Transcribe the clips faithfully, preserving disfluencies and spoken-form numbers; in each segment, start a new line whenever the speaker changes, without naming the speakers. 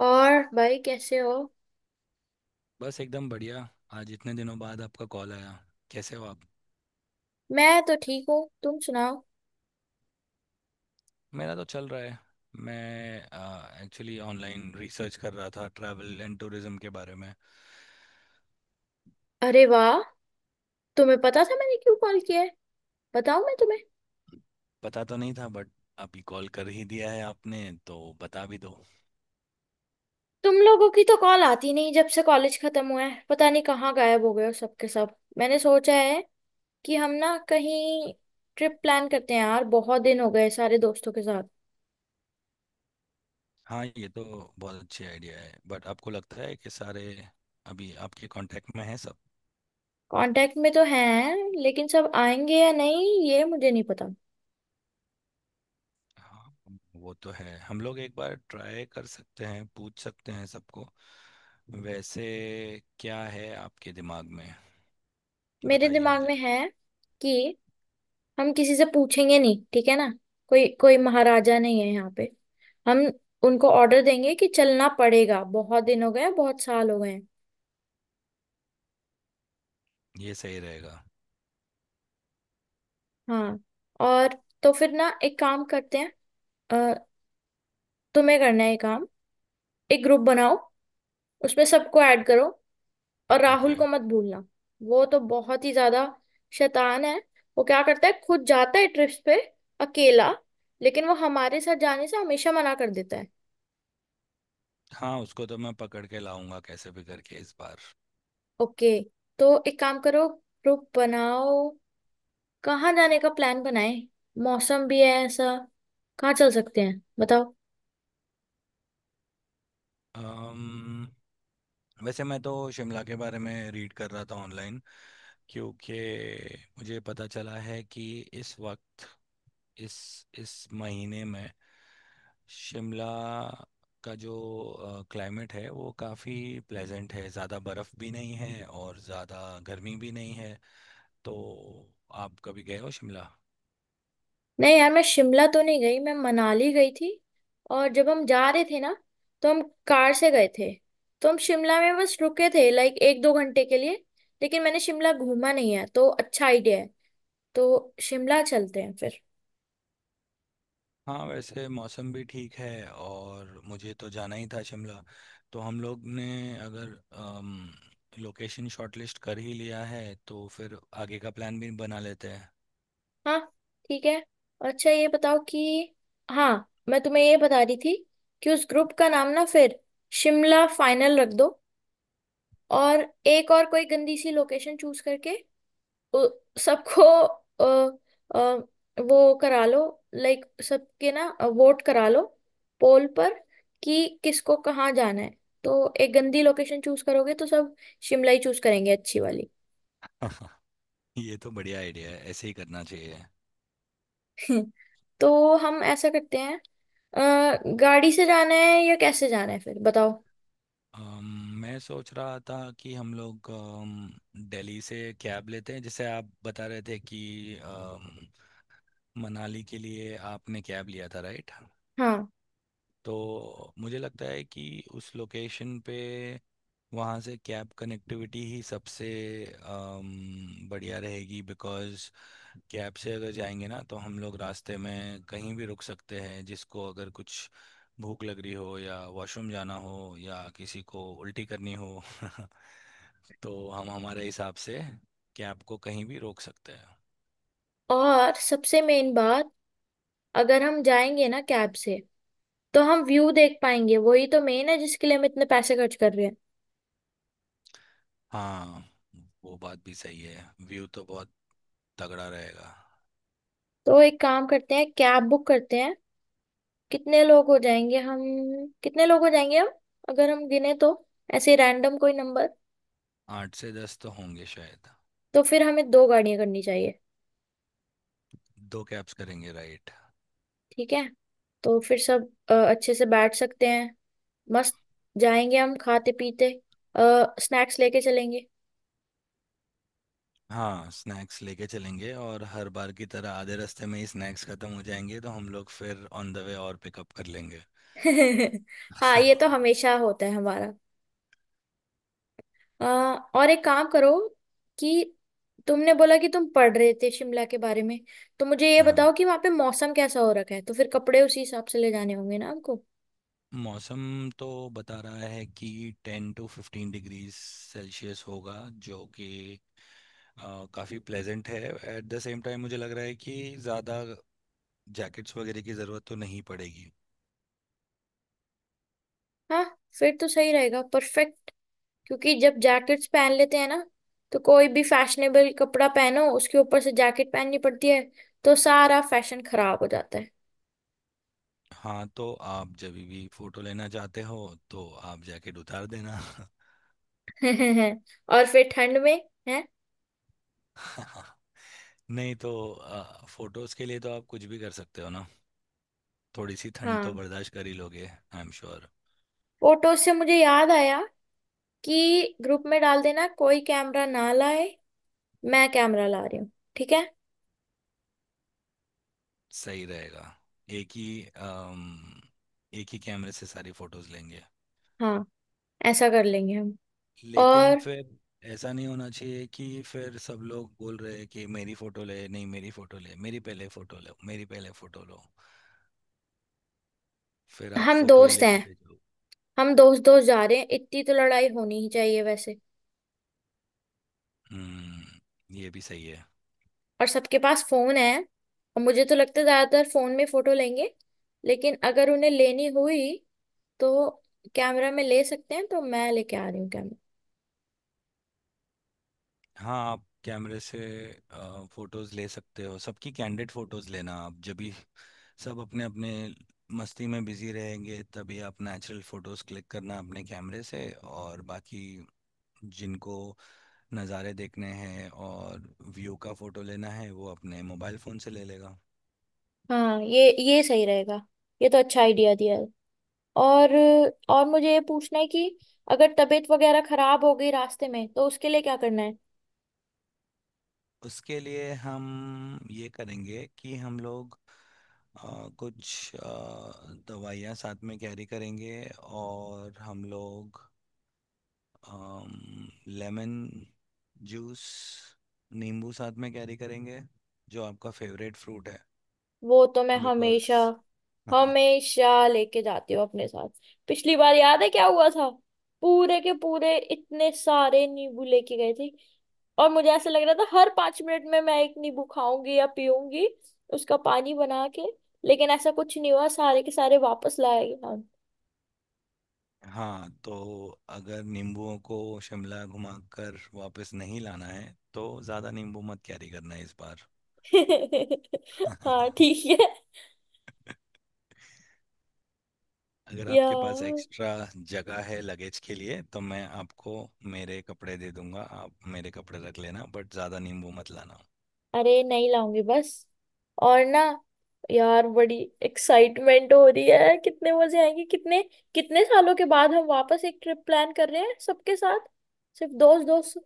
और भाई कैसे हो।
बस एकदम बढ़िया। आज इतने दिनों बाद आपका कॉल आया। कैसे हो आप?
मैं तो ठीक हूँ, तुम सुनाओ।
मेरा तो चल रहा है। मैं एक्चुअली ऑनलाइन रिसर्च कर रहा था ट्रैवल एंड टूरिज्म के बारे में।
अरे वाह, तुम्हें पता था मैंने क्यों कॉल किया है? बताऊँ मैं तुम्हें?
पता तो नहीं था बट अभी कॉल कर ही दिया है आपने तो बता भी दो।
तुम लोगों की तो कॉल आती नहीं, जब से कॉलेज खत्म हुआ है पता नहीं कहाँ गायब हो गए हो सबके सब। मैंने सोचा है कि हम ना कहीं ट्रिप प्लान करते हैं यार, बहुत दिन हो गए सारे दोस्तों के साथ।
हाँ, ये तो बहुत अच्छी आइडिया है, बट आपको लगता है कि सारे अभी आपके कांटेक्ट में हैं सब?
कांटेक्ट में तो हैं लेकिन सब आएंगे या नहीं ये मुझे नहीं पता।
हाँ, वो तो है। हम लोग एक बार ट्राई कर सकते हैं, पूछ सकते हैं सबको। वैसे क्या है आपके दिमाग में?
मेरे
बताइए
दिमाग
मुझे।
में है कि हम किसी से पूछेंगे नहीं, ठीक है ना। कोई कोई महाराजा नहीं है यहाँ पे। हम उनको ऑर्डर देंगे कि चलना पड़ेगा, बहुत दिन हो गए हैं, बहुत साल हो गए हैं।
ये सही रहेगा।
हाँ। और तो फिर ना एक काम करते हैं। अ, तुम्हें करना है ये काम। एक ग्रुप बनाओ, उसमें सबको ऐड करो, और राहुल
ओके।
को मत भूलना। वो तो बहुत ही ज्यादा शैतान है। वो क्या करता है, खुद जाता है ट्रिप्स पे, अकेला। लेकिन वो हमारे साथ जाने से हमेशा मना कर देता है।
हाँ, उसको तो मैं पकड़ के लाऊंगा कैसे भी करके इस बार।
ओके, तो एक काम करो, ग्रुप बनाओ, कहाँ जाने का प्लान बनाए, मौसम भी है ऐसा, कहाँ चल सकते हैं बताओ।
अम्म वैसे मैं तो शिमला के बारे में रीड कर रहा था ऑनलाइन। क्योंकि मुझे पता चला है कि इस वक्त इस इस महीने में शिमला का जो क्लाइमेट है वो काफ़ी प्लेजेंट है। ज़्यादा बर्फ़ भी नहीं है और ज़्यादा गर्मी भी नहीं है। तो आप कभी गए हो शिमला?
नहीं यार, मैं शिमला तो नहीं गई, मैं मनाली गई थी। और जब हम जा रहे थे ना तो हम कार से गए थे, तो हम शिमला में बस रुके थे लाइक एक दो घंटे के लिए। लेकिन मैंने शिमला घूमा नहीं है तो अच्छा आइडिया है, तो शिमला चलते हैं फिर।
हाँ, वैसे मौसम भी ठीक है और मुझे तो जाना ही था शिमला। तो हम लोग ने अगर अम, लोकेशन शॉर्टलिस्ट कर ही लिया है तो फिर आगे का प्लान भी बना लेते हैं।
हाँ, ठीक है। और अच्छा ये बताओ कि, हाँ मैं तुम्हें ये बता रही थी कि उस ग्रुप का नाम ना फिर शिमला फाइनल रख दो। और एक और कोई गंदी सी लोकेशन चूज करके उ- सबको अ, अ, वो करा लो, लाइक सबके ना वोट करा लो पोल पर कि किसको कहाँ जाना है। तो एक गंदी लोकेशन चूज करोगे तो सब शिमला ही चूज करेंगे अच्छी वाली।
ये तो बढ़िया आइडिया है, ऐसे ही करना चाहिए।
तो हम ऐसा करते हैं, अ, गाड़ी से जाना है या कैसे जाना है फिर बताओ।
अम, मैं सोच रहा था कि हम लोग अम, दिल्ली से कैब लेते हैं, जैसे आप बता रहे थे कि अम, मनाली के लिए आपने कैब लिया था, राइट?
हाँ।
तो मुझे लगता है कि उस लोकेशन पे वहाँ से कैब कनेक्टिविटी ही सबसे अम, बढ़िया रहेगी, बिकॉज़ कैब से अगर जाएंगे ना तो हम लोग रास्ते में कहीं भी रुक सकते हैं, जिसको अगर कुछ भूख लग रही हो या वॉशरूम जाना हो या किसी को उल्टी करनी हो। तो हम हमारे हिसाब से कैब को कहीं भी रोक सकते हैं।
और सबसे मेन बात, अगर हम जाएंगे ना कैब से तो हम व्यू देख पाएंगे, वही तो मेन है जिसके लिए हम इतने पैसे खर्च कर रहे हैं।
हाँ, वो बात भी सही है। व्यू तो बहुत तगड़ा रहेगा।
तो एक काम करते हैं, कैब बुक करते हैं। कितने लोग हो जाएंगे हम, कितने लोग हो जाएंगे हम, अगर हम गिने तो, ऐसे रैंडम कोई नंबर।
आठ से दस तो होंगे शायद।
तो फिर हमें दो गाड़ियां करनी चाहिए।
दो कैब्स करेंगे, राइट?
ठीक है, तो फिर सब अ, अच्छे से बैठ सकते हैं मस्त, जाएंगे हम खाते पीते, स्नैक्स लेके चलेंगे।
हाँ, स्नैक्स लेके चलेंगे और हर बार की तरह आधे रास्ते में ही स्नैक्स खत्म हो जाएंगे तो हम लोग फिर ऑन द वे और पिकअप कर लेंगे।
हाँ ये तो हमेशा होता है हमारा। अ, और एक काम करो कि तुमने बोला कि तुम पढ़ रहे थे शिमला के बारे में, तो मुझे ये
हाँ,
बताओ कि वहां पे मौसम कैसा हो रखा है, तो फिर कपड़े उसी हिसाब से ले जाने होंगे ना हमको।
मौसम तो बता रहा है कि ten to fifteen degree Celsius होगा, जो कि अ, काफ़ी प्लेजेंट है। एट द सेम टाइम मुझे लग रहा है कि ज़्यादा जैकेट्स वगैरह की ज़रूरत तो नहीं पड़ेगी।
हाँ, फिर तो सही रहेगा परफेक्ट। क्योंकि जब जैकेट्स पहन लेते हैं ना तो कोई भी फैशनेबल कपड़ा पहनो उसके ऊपर से जैकेट पहननी पड़ती है, तो सारा फैशन खराब हो जाता
हाँ तो आप जब भी फ़ोटो लेना चाहते हो तो आप जैकेट उतार देना।
है। और फिर ठंड में है।
नहीं तो आ, फोटोज के लिए तो आप कुछ भी कर सकते हो ना। थोड़ी सी ठंड तो
हाँ।
बर्दाश्त कर ही लोगे, आई एम श्योर।
फोटो से मुझे याद आया कि ग्रुप में डाल देना कोई कैमरा ना लाए, मैं कैमरा ला रही हूँ, ठीक है।
सही रहेगा। एक ही अम, एक ही कैमरे से सारी फोटोज लेंगे।
हाँ, ऐसा कर लेंगे हम।
लेकिन
और
फिर ऐसा नहीं होना चाहिए कि फिर सब लोग बोल रहे हैं कि मेरी फोटो ले, नहीं मेरी फोटो ले, मेरी पहले फोटो लो, मेरी पहले फोटो लो। फिर आप
हम
फोटो ही
दोस्त हैं,
लेते रह जाओ।
हम दोस्त दोस्त जा रहे हैं, इतनी तो लड़ाई होनी ही चाहिए वैसे।
हम्म, ये भी सही है।
और सबके पास फोन है, और मुझे तो लगता है ज्यादातर फोन में फोटो लेंगे। लेकिन अगर उन्हें लेनी हुई तो कैमरा में ले सकते हैं, तो मैं लेके आ रही हूँ कैमरा।
हाँ, आप कैमरे से फोटोज ले सकते हो सबकी। कैंडिड फोटोज लेना आप जब भी सब अपने अपने मस्ती में बिजी रहेंगे, तभी आप नेचुरल फोटोज क्लिक करना अपने कैमरे से। और बाकी जिनको नज़ारे देखने हैं और व्यू का फोटो लेना है वो अपने मोबाइल फ़ोन से ले लेगा।
हाँ ये ये सही रहेगा, ये तो अच्छा आइडिया दिया है। और और मुझे ये पूछना है कि अगर तबीयत वगैरह खराब हो गई रास्ते में तो उसके लिए क्या करना है?
उसके लिए हम ये करेंगे कि हम लोग अ, कुछ अ, दवाइयाँ साथ में कैरी करेंगे। और हम लोग um, लेमन जूस, नींबू साथ में कैरी करेंगे, जो आपका फेवरेट फ्रूट है।
वो तो मैं
बिकॉज
हमेशा,
हाँ।
हमेशा लेके जाती हूँ अपने साथ। पिछली बार याद है क्या हुआ था, पूरे के पूरे इतने सारे नींबू लेके गए थे और मुझे ऐसा लग रहा था हर पांच मिनट में मैं एक नींबू खाऊंगी या पीऊंगी, उसका पानी बना के। लेकिन ऐसा कुछ नहीं हुआ, सारे के सारे वापस लाए गए हम।
हाँ तो अगर नींबुओं को शिमला घुमाकर वापस नहीं लाना है तो ज़्यादा नींबू मत कैरी करना इस बार।
हाँ ठीक है।
अगर आपके पास
यार
एक्स्ट्रा जगह है लगेज के लिए तो मैं आपको मेरे कपड़े दे दूंगा, आप मेरे कपड़े रख लेना, बट ज़्यादा नींबू मत लाना।
अरे नहीं लाऊंगी बस। और ना यार बड़ी एक्साइटमेंट हो रही है, कितने मजे आएंगे, कितने, कितने सालों के बाद हम वापस एक ट्रिप प्लान कर रहे हैं सबके साथ, सिर्फ दोस्त दोस्त।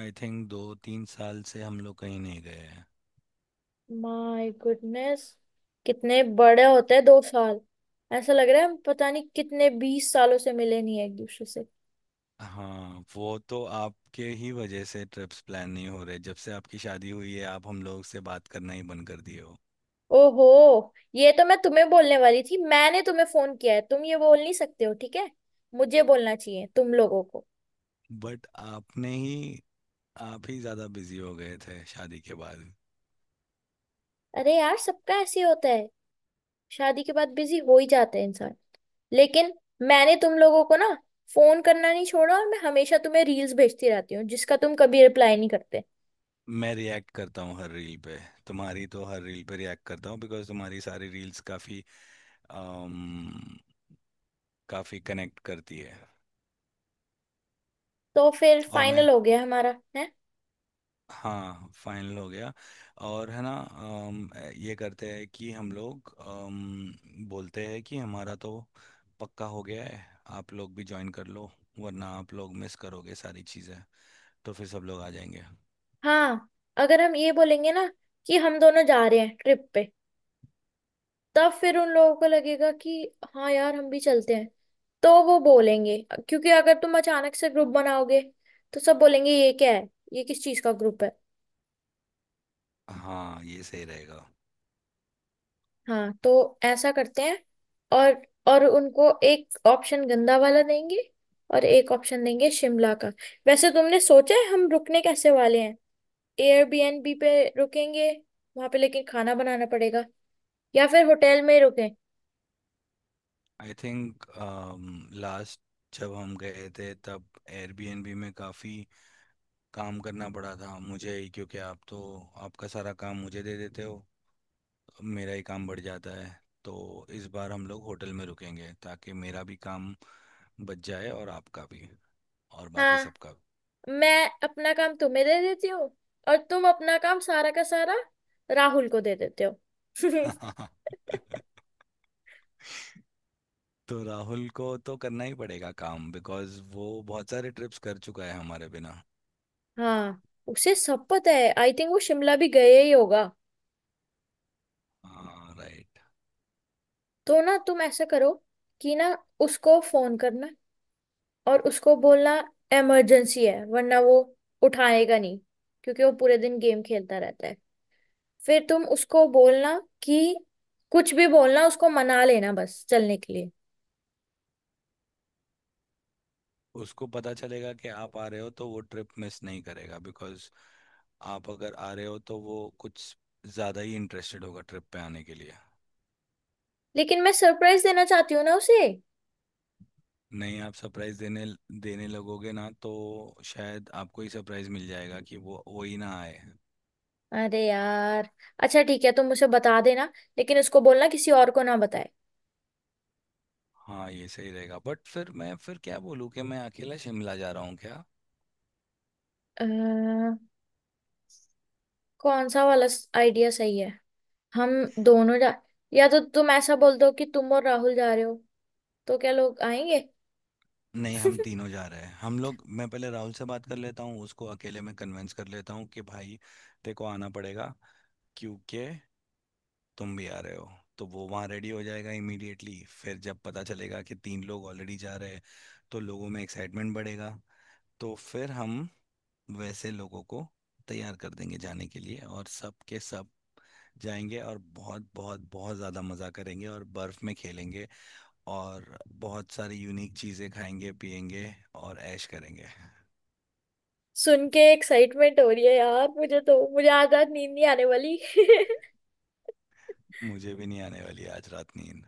आई थिंक दो तीन साल से हम लोग कहीं नहीं गए।
माय गुडनेस, कितने बड़े होते हैं दो साल, ऐसा लग रहा है हम पता नहीं कितने बीस सालों से मिले नहीं है एक दूसरे से।
हाँ, वो तो आपके ही वजह से ट्रिप्स प्लान नहीं हो रहे। जब से आपकी शादी हुई है आप हम लोग से बात करना ही बंद कर दिए हो।
ओहो, ये तो मैं तुम्हें बोलने वाली थी, मैंने तुम्हें फोन किया है तुम ये बोल नहीं सकते हो, ठीक है? मुझे बोलना चाहिए तुम लोगों को।
बट आपने ही आप ही ज़्यादा बिजी हो गए थे शादी के बाद।
अरे यार सबका ऐसे ही होता है, शादी के बाद बिजी हो ही जाते हैं इंसान। लेकिन मैंने तुम लोगों को ना फोन करना नहीं छोड़ा, और मैं हमेशा तुम्हें रील्स भेजती रहती हूँ जिसका तुम कभी रिप्लाई नहीं करते।
मैं रिएक्ट करता हूँ हर रील पे। तुम्हारी तो हर रील पे रिएक्ट करता हूँ, बिकॉज़ तुम्हारी सारी रील्स काफ़ी अम, काफ़ी कनेक्ट करती है।
तो फिर
और मैं
फाइनल हो गया हमारा है।
हाँ, फाइनल हो गया। और है ना अम, ये करते हैं कि हम लोग अम, बोलते हैं कि हमारा तो पक्का हो गया है, आप लोग भी ज्वाइन कर लो वरना आप लोग मिस करोगे सारी चीज़ें। तो फिर सब लोग आ जाएंगे।
हाँ, अगर हम ये बोलेंगे ना कि हम दोनों जा रहे हैं ट्रिप पे, तब फिर उन लोगों को लगेगा कि हाँ यार हम भी चलते हैं, तो वो बोलेंगे। क्योंकि अगर तुम अचानक से ग्रुप बनाओगे तो सब बोलेंगे ये क्या है, ये किस चीज का ग्रुप है?
हाँ, ये सही रहेगा।
हाँ तो ऐसा करते हैं। और और उनको एक ऑप्शन गंदा वाला देंगे, और एक ऑप्शन देंगे शिमला का। वैसे तुमने सोचा है हम रुकने कैसे वाले हैं? एयरबीएनबी पे रुकेंगे वहां पे लेकिन खाना बनाना पड़ेगा, या फिर होटल में ही रुकें?
आई थिंक लास्ट जब हम गए थे तब एयरबीएनबी में काफ़ी काम करना पड़ा था मुझे ही, क्योंकि आप तो आपका सारा काम मुझे दे देते हो, मेरा ही काम बढ़ जाता है। तो इस बार हम लोग होटल में रुकेंगे ताकि मेरा भी काम बच जाए और आपका भी और बाकी
हाँ,
सबका
मैं अपना काम तुम्हें दे देती हूँ, और तुम अपना काम सारा का सारा राहुल को दे देते हो।
भी। तो राहुल को तो करना ही पड़ेगा काम, बिकॉज वो बहुत सारे ट्रिप्स कर चुका है हमारे बिना।
हाँ उसे सब पता है, आई थिंक वो शिमला भी गए ही होगा।
हाँ, राइट।
तो ना तुम ऐसा करो कि ना उसको फोन करना, और उसको बोलना इमरजेंसी है, वरना वो उठाएगा नहीं क्योंकि वो पूरे दिन गेम खेलता रहता है। फिर तुम उसको बोलना कि कुछ भी बोलना, उसको मना लेना बस चलने के लिए।
उसको पता चलेगा कि आप आ रहे हो तो वो ट्रिप मिस नहीं करेगा, बिकॉज आप अगर आ रहे हो तो वो कुछ ज़्यादा ही इंटरेस्टेड होगा ट्रिप पे आने के लिए।
लेकिन मैं सरप्राइज देना चाहती हूँ ना उसे।
नहीं, आप सरप्राइज देने देने लगोगे ना तो शायद आपको ही सरप्राइज मिल जाएगा कि वो वो ही ना आए।
अरे यार अच्छा ठीक है, तुम मुझे बता देना, लेकिन उसको बोलना किसी और को ना बताए।
हाँ, ये सही रहेगा। बट फिर मैं फिर क्या बोलूँ कि मैं अकेला शिमला जा रहा हूँ क्या?
अ, कौन सा वाला आइडिया सही है, हम दोनों जा, या तो तुम ऐसा बोल दो कि तुम और राहुल जा रहे हो तो क्या लोग आएंगे?
नहीं, हम तीनों जा रहे हैं। हम लोग मैं पहले राहुल से बात कर लेता हूँ, उसको अकेले में कन्विंस कर लेता हूँ कि भाई तेरे को आना पड़ेगा, क्योंकि तुम भी आ रहे हो। तो वो वहाँ रेडी हो जाएगा इमीडिएटली। फिर जब पता चलेगा कि तीन लोग ऑलरेडी जा रहे हैं तो लोगों में एक्साइटमेंट बढ़ेगा। तो फिर हम वैसे लोगों को तैयार कर देंगे जाने के लिए और सब के सब जाएंगे और बहुत बहुत बहुत ज़्यादा मज़ा करेंगे और बर्फ़ में खेलेंगे। और बहुत सारी यूनिक चीज़ें खाएंगे पिएंगे और ऐश करेंगे।
सुन के एक्साइटमेंट हो रही है यार, मुझे तो मुझे आज रात नींद नहीं आने वाली।
मुझे भी नहीं आने वाली आज रात नींद।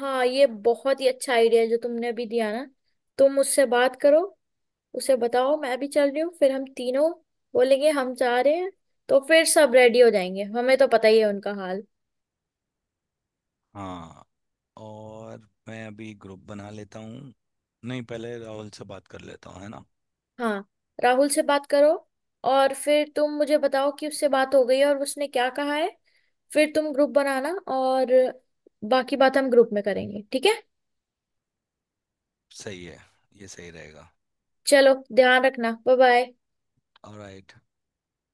हाँ ये बहुत ही अच्छा आइडिया है जो तुमने अभी दिया ना। तुम उससे बात करो, उसे बताओ मैं भी चल रही हूँ, फिर हम तीनों बोलेंगे हम जा रहे हैं, तो फिर सब रेडी हो जाएंगे, हमें तो पता ही है उनका हाल।
हाँ, और मैं अभी ग्रुप बना लेता हूँ। नहीं, पहले राहुल से बात कर लेता हूँ, है ना?
हाँ राहुल से बात करो, और फिर तुम मुझे बताओ कि उससे बात हो गई है और उसने क्या कहा है, फिर तुम ग्रुप बनाना और बाकी बात हम ग्रुप में करेंगे, ठीक है।
सही है। ये सही रहेगा।
चलो, ध्यान रखना, बाय बाय।
ऑलराइट।